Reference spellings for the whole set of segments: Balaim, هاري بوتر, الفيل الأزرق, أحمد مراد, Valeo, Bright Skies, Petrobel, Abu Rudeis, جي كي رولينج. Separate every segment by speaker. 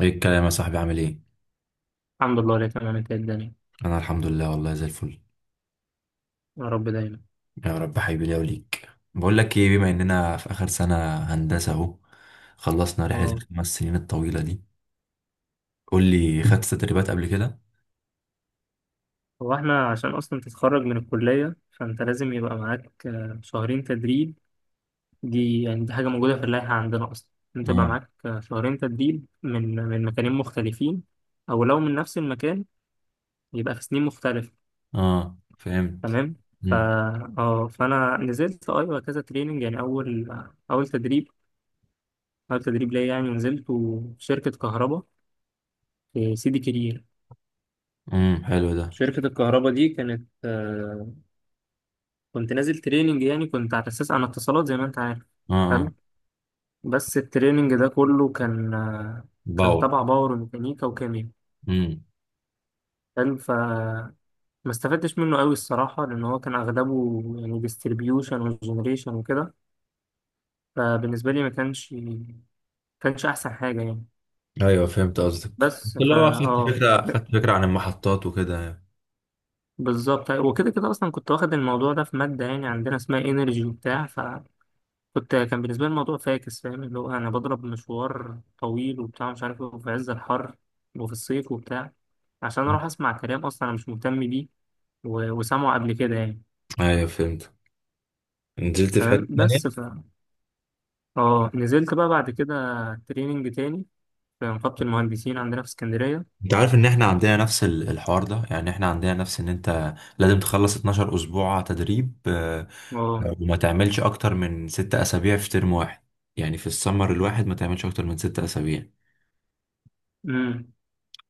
Speaker 1: ايه الكلام يا صاحبي؟ عامل ايه؟
Speaker 2: الحمد لله، اللي تمام. انت ايه الدنيا؟
Speaker 1: انا الحمد لله والله، زي الفل.
Speaker 2: يا رب دايما.
Speaker 1: يا رب حبيبي ليا وليك. بقول لك ايه، بما اننا في اخر سنه هندسه اهو، خلصنا رحله
Speaker 2: اه.
Speaker 1: الخمس سنين الطويله دي. قول لي، خدت تدريبات قبل كده؟
Speaker 2: هو احنا عشان اصلا تتخرج من الكلية، فانت لازم يبقى معاك شهرين تدريب. دي حاجة موجودة في اللائحة عندنا اصلا. انت يبقى
Speaker 1: اه
Speaker 2: معاك شهرين تدريب من مكانين مختلفين، او لو من نفس المكان يبقى في سنين مختلفة.
Speaker 1: اه، فهمت.
Speaker 2: تمام. فا
Speaker 1: امم.
Speaker 2: اه، فانا نزلت ايوه كذا تريننج. يعني اول تدريب، اول تدريب ليا، يعني نزلته في شركة كهرباء في سيدي كرير.
Speaker 1: حلو ده.
Speaker 2: شركة الكهرباء دي كانت كنت نازل تريننج. يعني كنت على اساس انا اتصالات، زي ما انت عارف.
Speaker 1: اه اه.
Speaker 2: حلو. بس التريننج ده كله كان
Speaker 1: باور.
Speaker 2: تبع باور وميكانيكا وكيمياء.
Speaker 1: امم
Speaker 2: حلو. ما استفدتش منه قوي الصراحه، لان هو كان اغلبه يعني ديستريبيوشن وجنريشن وكده. فبالنسبه لي ما كانش احسن حاجه يعني.
Speaker 1: ايوه، فهمت قصدك، بس
Speaker 2: بس.
Speaker 1: اللي هو خدت
Speaker 2: اه.
Speaker 1: فكره خدت فكره عن المحطات وكده يعني.
Speaker 2: بالظبط. وكده كده اصلا كنت واخد الموضوع ده في ماده يعني عندنا اسمها انرجي وبتاع. كان بالنسبة لي الموضوع فاكس، فاهم اللي هو أنا بضرب مشوار طويل وبتاع، مش عارف إيه، وفي عز الحر وفي الصيف وبتاع، عشان أروح أسمع كلام أصلا أنا مش مهتم بيه و- وسامعه قبل كده يعني.
Speaker 1: ايوه فهمت. نزلت في
Speaker 2: تمام.
Speaker 1: حته.
Speaker 2: بس. اه، نزلت بقى بعد كده تريننج تاني في نقابة المهندسين عندنا في اسكندرية.
Speaker 1: انت عارف ان احنا عندنا نفس الحوار ده، يعني احنا عندنا نفس ان انت لازم تخلص 12 اسبوع تدريب،
Speaker 2: اه.
Speaker 1: وما تعملش اكتر من 6 اسابيع في ترم واحد، يعني في السمر الواحد ما تعملش اكتر من ست اسابيع.
Speaker 2: امم.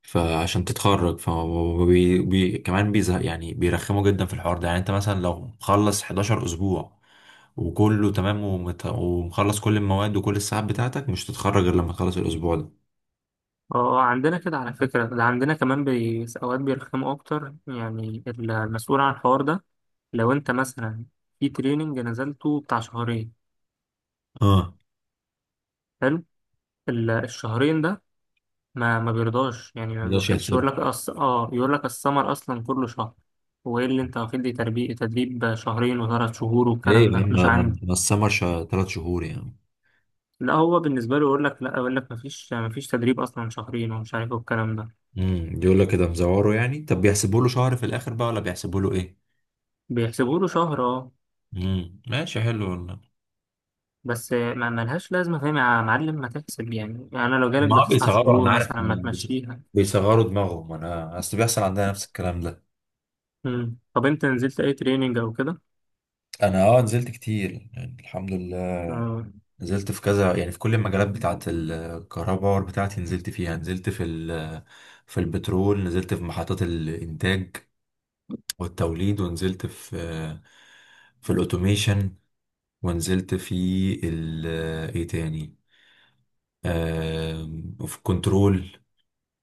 Speaker 1: فعشان تتخرج، كمان بيزهق يعني، بيرخموا جدا في الحوار ده. يعني انت مثلا لو مخلص 11 اسبوع وكله تمام، ومخلص كل المواد وكل الساعات بتاعتك، مش تتخرج غير لما تخلص الاسبوع ده.
Speaker 2: اه، عندنا كده على فكرة. ده عندنا كمان أوقات بيرخموا أكتر، يعني المسؤول عن الحوار ده، لو أنت مثلا في تريننج نزلته بتاع شهرين،
Speaker 1: اه،
Speaker 2: حلو، ال- الشهرين ده ما بيرضاش، يعني ما
Speaker 1: مقدرش
Speaker 2: بيوافقش، يقول
Speaker 1: يحسب.
Speaker 2: لك أص... اه يقول لك السمر اصلا كله شهر. وايه اللي انت واخد لي تدريب شهرين وثلاث شهور والكلام
Speaker 1: ايه يا عم،
Speaker 2: ده مش
Speaker 1: ما ما-
Speaker 2: عندي.
Speaker 1: ما السمر 3 شهور يعني.
Speaker 2: لا، هو بالنسبه له يقول لك لا، يقول لك ما فيش تدريب اصلا شهرين ومش عارف ايه والكلام ده.
Speaker 1: يقول لك كده مزوره يعني. طب بيحسبوا له شهر في الاخر بقى، ولا بيحسبوا له ايه؟
Speaker 2: بيحسبوا له شهر، اه.
Speaker 1: امم، ماشي حلو والله.
Speaker 2: بس ما لهاش لازمه، فاهم يا معلم؟ ما تحسب يعني انا لو جالك
Speaker 1: ما هو
Speaker 2: بتسع
Speaker 1: بيصغروا، انا
Speaker 2: شهور
Speaker 1: عارف
Speaker 2: مثلا ما
Speaker 1: إن
Speaker 2: تمشيها.
Speaker 1: بيصغروا دماغهم، انا اصل بيحصل عندنا نفس الكلام ده.
Speaker 2: مم. طب انت نزلت اي تريننج او كده؟
Speaker 1: انا نزلت كتير يعني، الحمد لله.
Speaker 2: اه.
Speaker 1: نزلت في كذا، يعني في كل المجالات بتاعه الكهرباء. باور بتاعتي نزلت فيها، نزلت في في البترول، نزلت في محطات الانتاج والتوليد، ونزلت في الاوتوميشن، ونزلت في ال- ايه تاني آم، وفي الكنترول.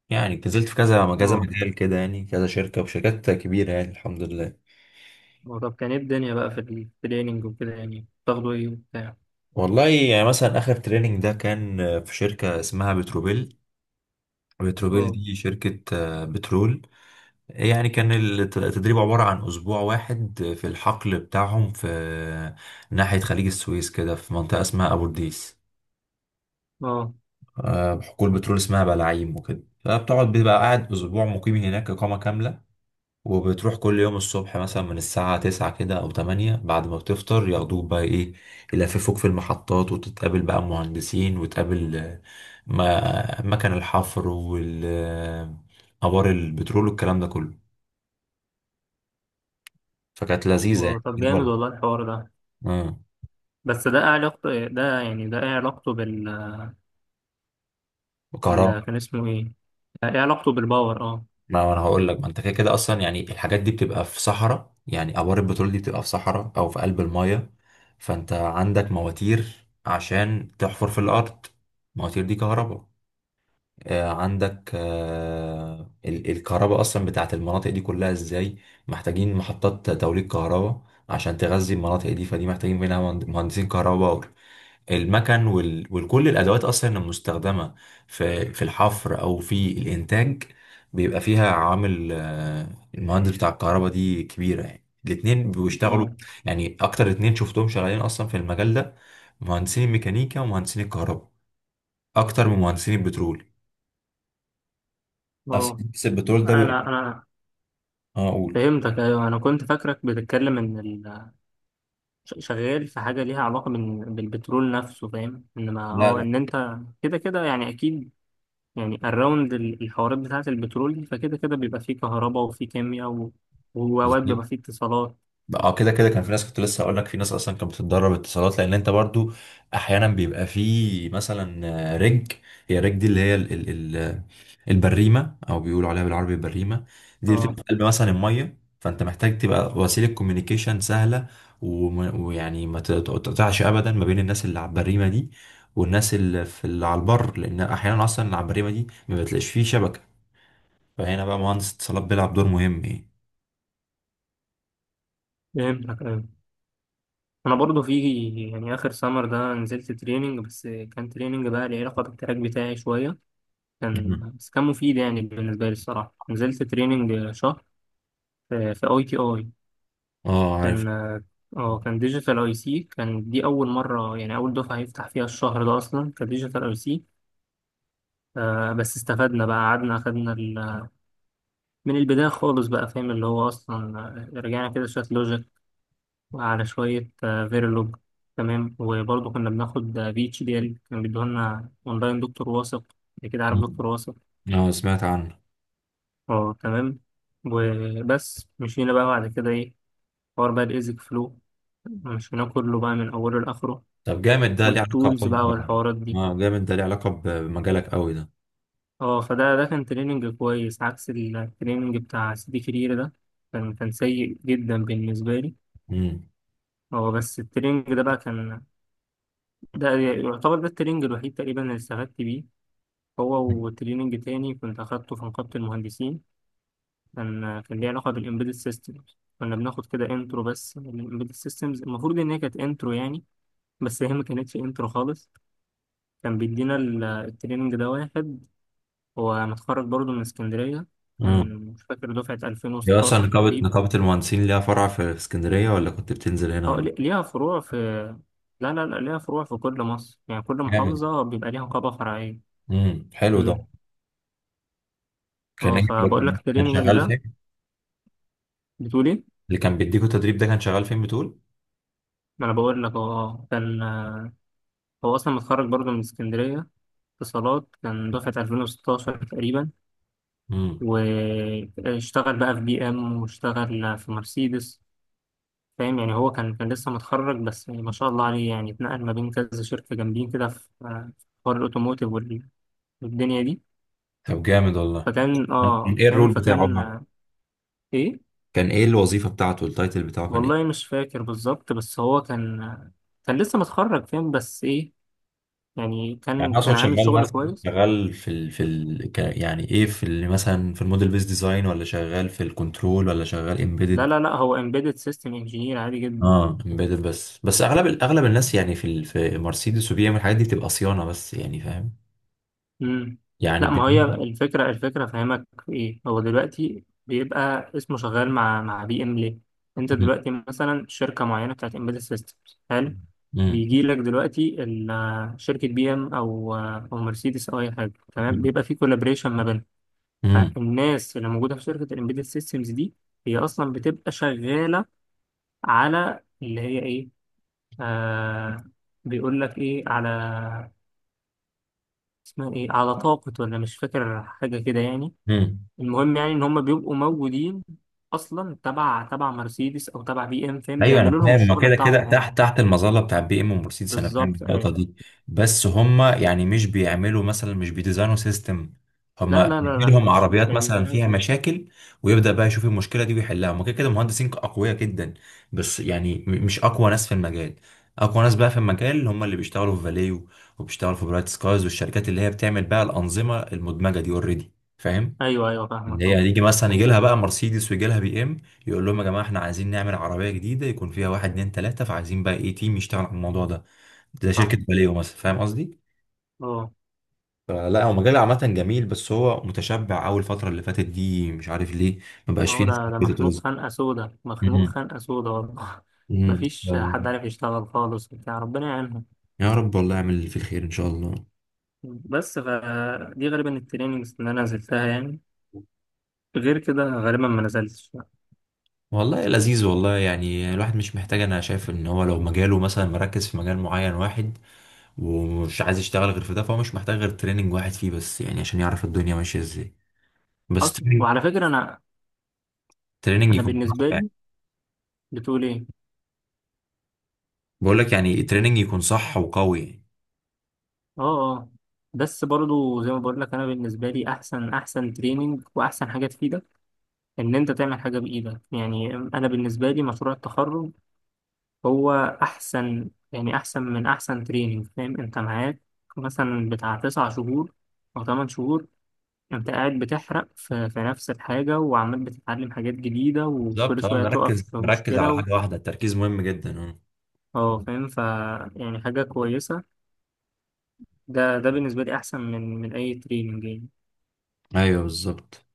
Speaker 1: يعني نزلت في كذا كذا مجال كده يعني، كذا شركة وشركات كبيرة، يعني الحمد لله.
Speaker 2: هو طب كان ايه الدنيا بقى في التريننج وكده؟ يعني بتاخدوا ايه وبتاع؟
Speaker 1: والله يعني مثلا آخر تريننج ده كان، في شركة اسمها بتروبيل. بتروبيل
Speaker 2: اه،
Speaker 1: دي شركة بترول يعني. كان التدريب عبارة عن أسبوع واحد في الحقل بتاعهم، في ناحية خليج السويس كده، في منطقة اسمها أبو رديس.
Speaker 2: اه.
Speaker 1: حقول بترول اسمها بلاعيم وكده. فبتقعد، بيبقى قاعد أسبوع مقيم هناك إقامة كاملة. وبتروح كل يوم الصبح مثلا من الساعة تسعة كده أو تمانية، بعد ما بتفطر ياخدوك بقى إيه، يلففوك في المحطات، وتتقابل بقى مهندسين، وتقابل ما مكن الحفر والأبار البترول والكلام ده كله. فكانت لذيذة يعني
Speaker 2: طب جامد
Speaker 1: تجربة.
Speaker 2: والله الحوار ده.
Speaker 1: آه،
Speaker 2: بس ده ايه علاقته، ده يعني ده ايه علاقته بال...
Speaker 1: وكهرباء.
Speaker 2: كان اسمه ايه؟ ايه علاقته بالباور؟ اه
Speaker 1: ما أنا هقول لك، ما أنت كده كده أصلا يعني. الحاجات دي بتبقى في صحراء، يعني أبار البترول دي بتبقى في صحراء أو في قلب المايه. فأنت عندك مواتير عشان تحفر في الأرض، المواتير دي كهرباء. عندك الكهرباء اصلا بتاعت المناطق دي كلها ازاي، محتاجين محطات توليد كهرباء عشان تغذي المناطق دي. فدي محتاجين منها مهندسين كهرباء باور. المكن وكل الادوات اصلا المستخدمه في الحفر او في الانتاج، بيبقى فيها عامل. المهندس بتاع الكهرباء دي كبيره يعني. الاتنين بيشتغلوا،
Speaker 2: اه.
Speaker 1: يعني اكتر اتنين شفتهم شغالين اصلا في المجال ده مهندسين الميكانيكا ومهندسين الكهرباء، اكتر من مهندسين البترول. اصل
Speaker 2: اه.
Speaker 1: بس البترول ده
Speaker 2: انا
Speaker 1: بيبقى.
Speaker 2: انا
Speaker 1: اه اقول،
Speaker 2: فهمتك، ايوه. انا كنت فاكرك بتتكلم ان شغال في حاجه ليها علاقه بالبترول نفسه، فاهم؟ انما
Speaker 1: لا
Speaker 2: اه،
Speaker 1: لا،
Speaker 2: ان انت كده كده يعني اكيد. يعني الراوند ال- الحوارات بتاعة البترول دي، فكده كده بيبقى فيه كهرباء وفيه كيمياء وأوقات بيبقى
Speaker 1: بالظبط.
Speaker 2: فيه اتصالات.
Speaker 1: اه، كده كده كان في ناس، كنت لسه هقول لك في ناس اصلا كانت بتتدرب اتصالات، لان انت برضو احيانا بيبقى في مثلا آه، رج هي الرج دي اللي هي ال ال ال البريمه، او بيقولوا عليها بالعربي البريمه. دي بتبقى
Speaker 2: اه،
Speaker 1: في قلب مثلا الميه، فانت محتاج تبقى وسيله كوميونيكيشن سهله، ويعني ما تقطعش ابدا ما بين الناس اللي على البريمه دي، والناس اللي على البر. لان احيانا اصلا اللي على البريمه دي ما بتلاقيش فيه شبكه، فهنا بقى مهندس اتصالات بيلعب دور مهم يعني.
Speaker 2: فهمتك أيوة. أنا برضو في. يعني آخر سمر ده نزلت تريننج، بس كان تريننج بقى ليه علاقة بالتراك بتاعي شوية. كان
Speaker 1: مم.
Speaker 2: بس كان مفيد يعني بالنسبة لي الصراحة. نزلت تريننج شهر في ITI.
Speaker 1: اه، عارف.
Speaker 2: كان. اه، كان ديجيتال أي سي. كان دي أول مرة، يعني أول دفعة يفتح فيها الشهر ده أصلا كديجيتال أي سي. بس استفدنا بقى، قعدنا أخدنا من البداية خالص بقى فاهم اللي هو أصلا رجعنا كده شوية لوجيك، وعلى شوية فيرلوج. تمام. وبرضه كنا بناخد في اتش دي ال، كان بيدوهولنا أونلاين دكتور واثق. أنت كده عارف
Speaker 1: مم.
Speaker 2: دكتور واثق؟
Speaker 1: اه، سمعت عنه.
Speaker 2: أه، تمام. وبس مشينا بقى بعد كده إيه، حوار بقى الإيزك فلو، مشيناه كله بقى من أوله لآخره،
Speaker 1: طب جامد، ده ليه
Speaker 2: والتولز
Speaker 1: علاقة
Speaker 2: بقى
Speaker 1: ب-.
Speaker 2: والحوارات دي.
Speaker 1: اه جامد، ده ليه علاقة بمجالك قوي ده.
Speaker 2: أه، فده كان تريننج كويس، عكس التريننج بتاع سيدي كرير ده. كان سيء جدا بالنسبة لي.
Speaker 1: امم
Speaker 2: هو بس التريننج ده بقى كان، ده يعتبر ده التريننج الوحيد تقريبا اللي استفدت بيه، هو وتريننج تاني كنت أخدته في نقابة المهندسين. كان ليه علاقة بالإمبيدد سيستمز. كنا بناخد كده انترو بس للإمبيدد سيستمز. المفروض إن هي كانت انترو يعني، بس هي ما كانتش انترو خالص. كان بيدينا ال- التريننج ده واحد، هو متخرج برضه من اسكندرية،
Speaker 1: اه،
Speaker 2: كان مش فاكر دفعة
Speaker 1: هي اصلا
Speaker 2: 2016 تقريبا.
Speaker 1: نقابة المهندسين ليها فرع في اسكندرية، ولا كنت بتنزل هنا،
Speaker 2: اه.
Speaker 1: ولا؟
Speaker 2: ليها فروع في... لا، لا، لا، ليها فروع في كل مصر. يعني كل
Speaker 1: جامد.
Speaker 2: محافظة بيبقى ليها نقابة فرعية.
Speaker 1: امم، حلو ده.
Speaker 2: امم.
Speaker 1: كان
Speaker 2: اه،
Speaker 1: ايه؟
Speaker 2: فبقول لك
Speaker 1: كان
Speaker 2: التريننج
Speaker 1: شغال
Speaker 2: ده.
Speaker 1: فين؟
Speaker 2: بتقولي؟
Speaker 1: اللي كان بيديكوا تدريب ده كان شغال فين، بتقول؟
Speaker 2: ما انا بقول لك. هو كان هو اصلا متخرج برضه من اسكندريه، اتصالات. كان دفعه 2016 تقريبا،
Speaker 1: امم،
Speaker 2: واشتغل بقى في بي ام واشتغل في مرسيدس. فاهم؟ يعني هو كان لسه متخرج، بس يعني ما شاء الله عليه، يعني اتنقل ما بين كذا شركه جامدين كده في في حوار الاوتوموتيف والدنيا دي.
Speaker 1: طب جامد والله.
Speaker 2: فكان،
Speaker 1: كان ايه
Speaker 2: فاهم؟
Speaker 1: الرول بتاعه
Speaker 2: فكان
Speaker 1: بقى؟
Speaker 2: ايه؟
Speaker 1: كان ايه الوظيفة بتاعته، التايتل بتاعه كان ايه؟
Speaker 2: والله مش فاكر بالظبط، بس هو كان كان لسه متخرج، فاهم؟ بس ايه، يعني
Speaker 1: يعني
Speaker 2: كان
Speaker 1: أنا
Speaker 2: كان
Speaker 1: اقصد
Speaker 2: عامل
Speaker 1: شغال
Speaker 2: شغل
Speaker 1: مثلا،
Speaker 2: كويس.
Speaker 1: شغال يعني ايه، مثلا في الموديل بيس ديزاين، ولا شغال في الكنترول، ولا شغال
Speaker 2: لا،
Speaker 1: امبيدد.
Speaker 2: لا، لا، هو embedded system engineer عادي جدا.
Speaker 1: اه امبيدد، بس اغلب الناس يعني في مرسيدس وبي ام، الحاجات دي بتبقى صيانه بس يعني، فاهم؟
Speaker 2: مم.
Speaker 1: يعني
Speaker 2: لا، ما هي
Speaker 1: بالنسبه.
Speaker 2: الفكرة فاهمك في ايه. هو دلوقتي بيبقى اسمه شغال مع بي ام ليه؟ انت
Speaker 1: مم.
Speaker 2: دلوقتي مثلا شركة معينة بتاعت embedded systems، حلو.
Speaker 1: مم.
Speaker 2: بيجي لك دلوقتي شركة بي ام او مرسيدس او اي حاجة، تمام؟
Speaker 1: مم.
Speaker 2: بيبقى في collaboration ما بينهم.
Speaker 1: مم.
Speaker 2: فالناس اللي موجودة في شركة الامبيدد systems دي، هي اصلا بتبقى شغالة على اللي هي ايه، آه بيقول لك ايه، على اسمها ايه، على طاقة ولا مش فاكر حاجة كده يعني.
Speaker 1: مم.
Speaker 2: المهم يعني ان هم بيبقوا موجودين اصلا تبع مرسيدس او تبع بي ام، فاهم؟
Speaker 1: ايوه، انا
Speaker 2: بيعملوا لهم
Speaker 1: فاهم، هما
Speaker 2: الشغل
Speaker 1: كده
Speaker 2: بتاعهم
Speaker 1: كده
Speaker 2: هم.
Speaker 1: تحت المظله بتاع بي ام ومرسيدس، انا فاهم
Speaker 2: بالظبط،
Speaker 1: النقطه
Speaker 2: ايوه.
Speaker 1: دي. بس هما يعني مش بيعملوا مثلا، مش بيديزاينوا سيستم.
Speaker 2: لا،
Speaker 1: هما
Speaker 2: لا، لا، لا،
Speaker 1: بيجيلهم
Speaker 2: مش
Speaker 1: عربيات
Speaker 2: مش هيدي.
Speaker 1: مثلا فيها مشاكل، ويبدا بقى يشوف المشكله دي ويحلها. هما كده كده مهندسين اقوياء جدا، بس يعني مش اقوى ناس في المجال. اقوى ناس بقى في المجال هما اللي بيشتغلوا في فاليو وبيشتغلوا في برايت سكايز، والشركات اللي هي بتعمل بقى الانظمه المدمجه دي اوريدي، فاهم؟
Speaker 2: ايوه، ايوه،
Speaker 1: اللي
Speaker 2: فاهمك.
Speaker 1: هي
Speaker 2: اه.
Speaker 1: هتيجي مثلا يجي
Speaker 2: هو.
Speaker 1: لها بقى مرسيدس، ويجي لها بي ام، يقول لهم يا جماعه احنا عايزين نعمل عربيه جديده يكون فيها واحد اتنين تلاته، فعايزين بقى ايه، تيم يشتغل على الموضوع ده، زي شركه
Speaker 2: صح.
Speaker 1: باليو مثلا، فاهم قصدي؟
Speaker 2: اه.
Speaker 1: فلا هو مجال عامه جميل، بس هو متشبع اول الفتره اللي فاتت دي، مش عارف ليه ما
Speaker 2: ما
Speaker 1: بقاش فيه
Speaker 2: هو
Speaker 1: ناس
Speaker 2: ده
Speaker 1: كتير
Speaker 2: مخنوق
Speaker 1: بتتوظف.
Speaker 2: خنقة سودا، مخنوق
Speaker 1: مم.
Speaker 2: خنقة سودا والله
Speaker 1: مم.
Speaker 2: مفيش حد عارف يشتغل خالص وبتاع. ربنا يعينهم.
Speaker 1: يا رب والله، اعمل اللي فيه الخير ان شاء الله.
Speaker 2: بس فدي غالبا التريننجز اللي انا نزلتها يعني، غير كده غالبا ما نزلتش.
Speaker 1: والله لذيذ والله، يعني الواحد مش محتاج. انا شايف ان هو لو مجاله مثلا مركز في مجال معين واحد، ومش عايز يشتغل غير في ده، فهو مش محتاج غير تريننج واحد فيه بس، يعني عشان يعرف الدنيا ماشية ازاي. بس
Speaker 2: حصل.
Speaker 1: تريننج،
Speaker 2: وعلى فكرة أنا،
Speaker 1: تريننج
Speaker 2: انا
Speaker 1: يكون صح
Speaker 2: بالنسبه
Speaker 1: يعني.
Speaker 2: لي. بتقول ايه؟
Speaker 1: بقول لك يعني تريننج يكون صح وقوي.
Speaker 2: اه. اه. بس برضو زي ما بقول لك، انا بالنسبه لي احسن تريننج واحسن حاجه تفيدك، ان انت تعمل حاجه بايدك. يعني انا بالنسبه لي مشروع التخرج هو احسن، يعني احسن من احسن تريننج. فاهم؟ انت معاك مثلا بتاع 9 شهور او 8 شهور، انت قاعد بتحرق في نفس الحاجه، وعمال بتتعلم حاجات جديده، وكل
Speaker 1: بالظبط اه،
Speaker 2: شويه تقف
Speaker 1: مركز
Speaker 2: في
Speaker 1: مركز
Speaker 2: مشكله
Speaker 1: على حاجة واحدة، التركيز مهم جدا اه.
Speaker 2: اه، فاهم. يعني حاجه كويسه. ده بالنسبة لي أحسن من أي تريننج يعني.
Speaker 1: ايوه بالظبط.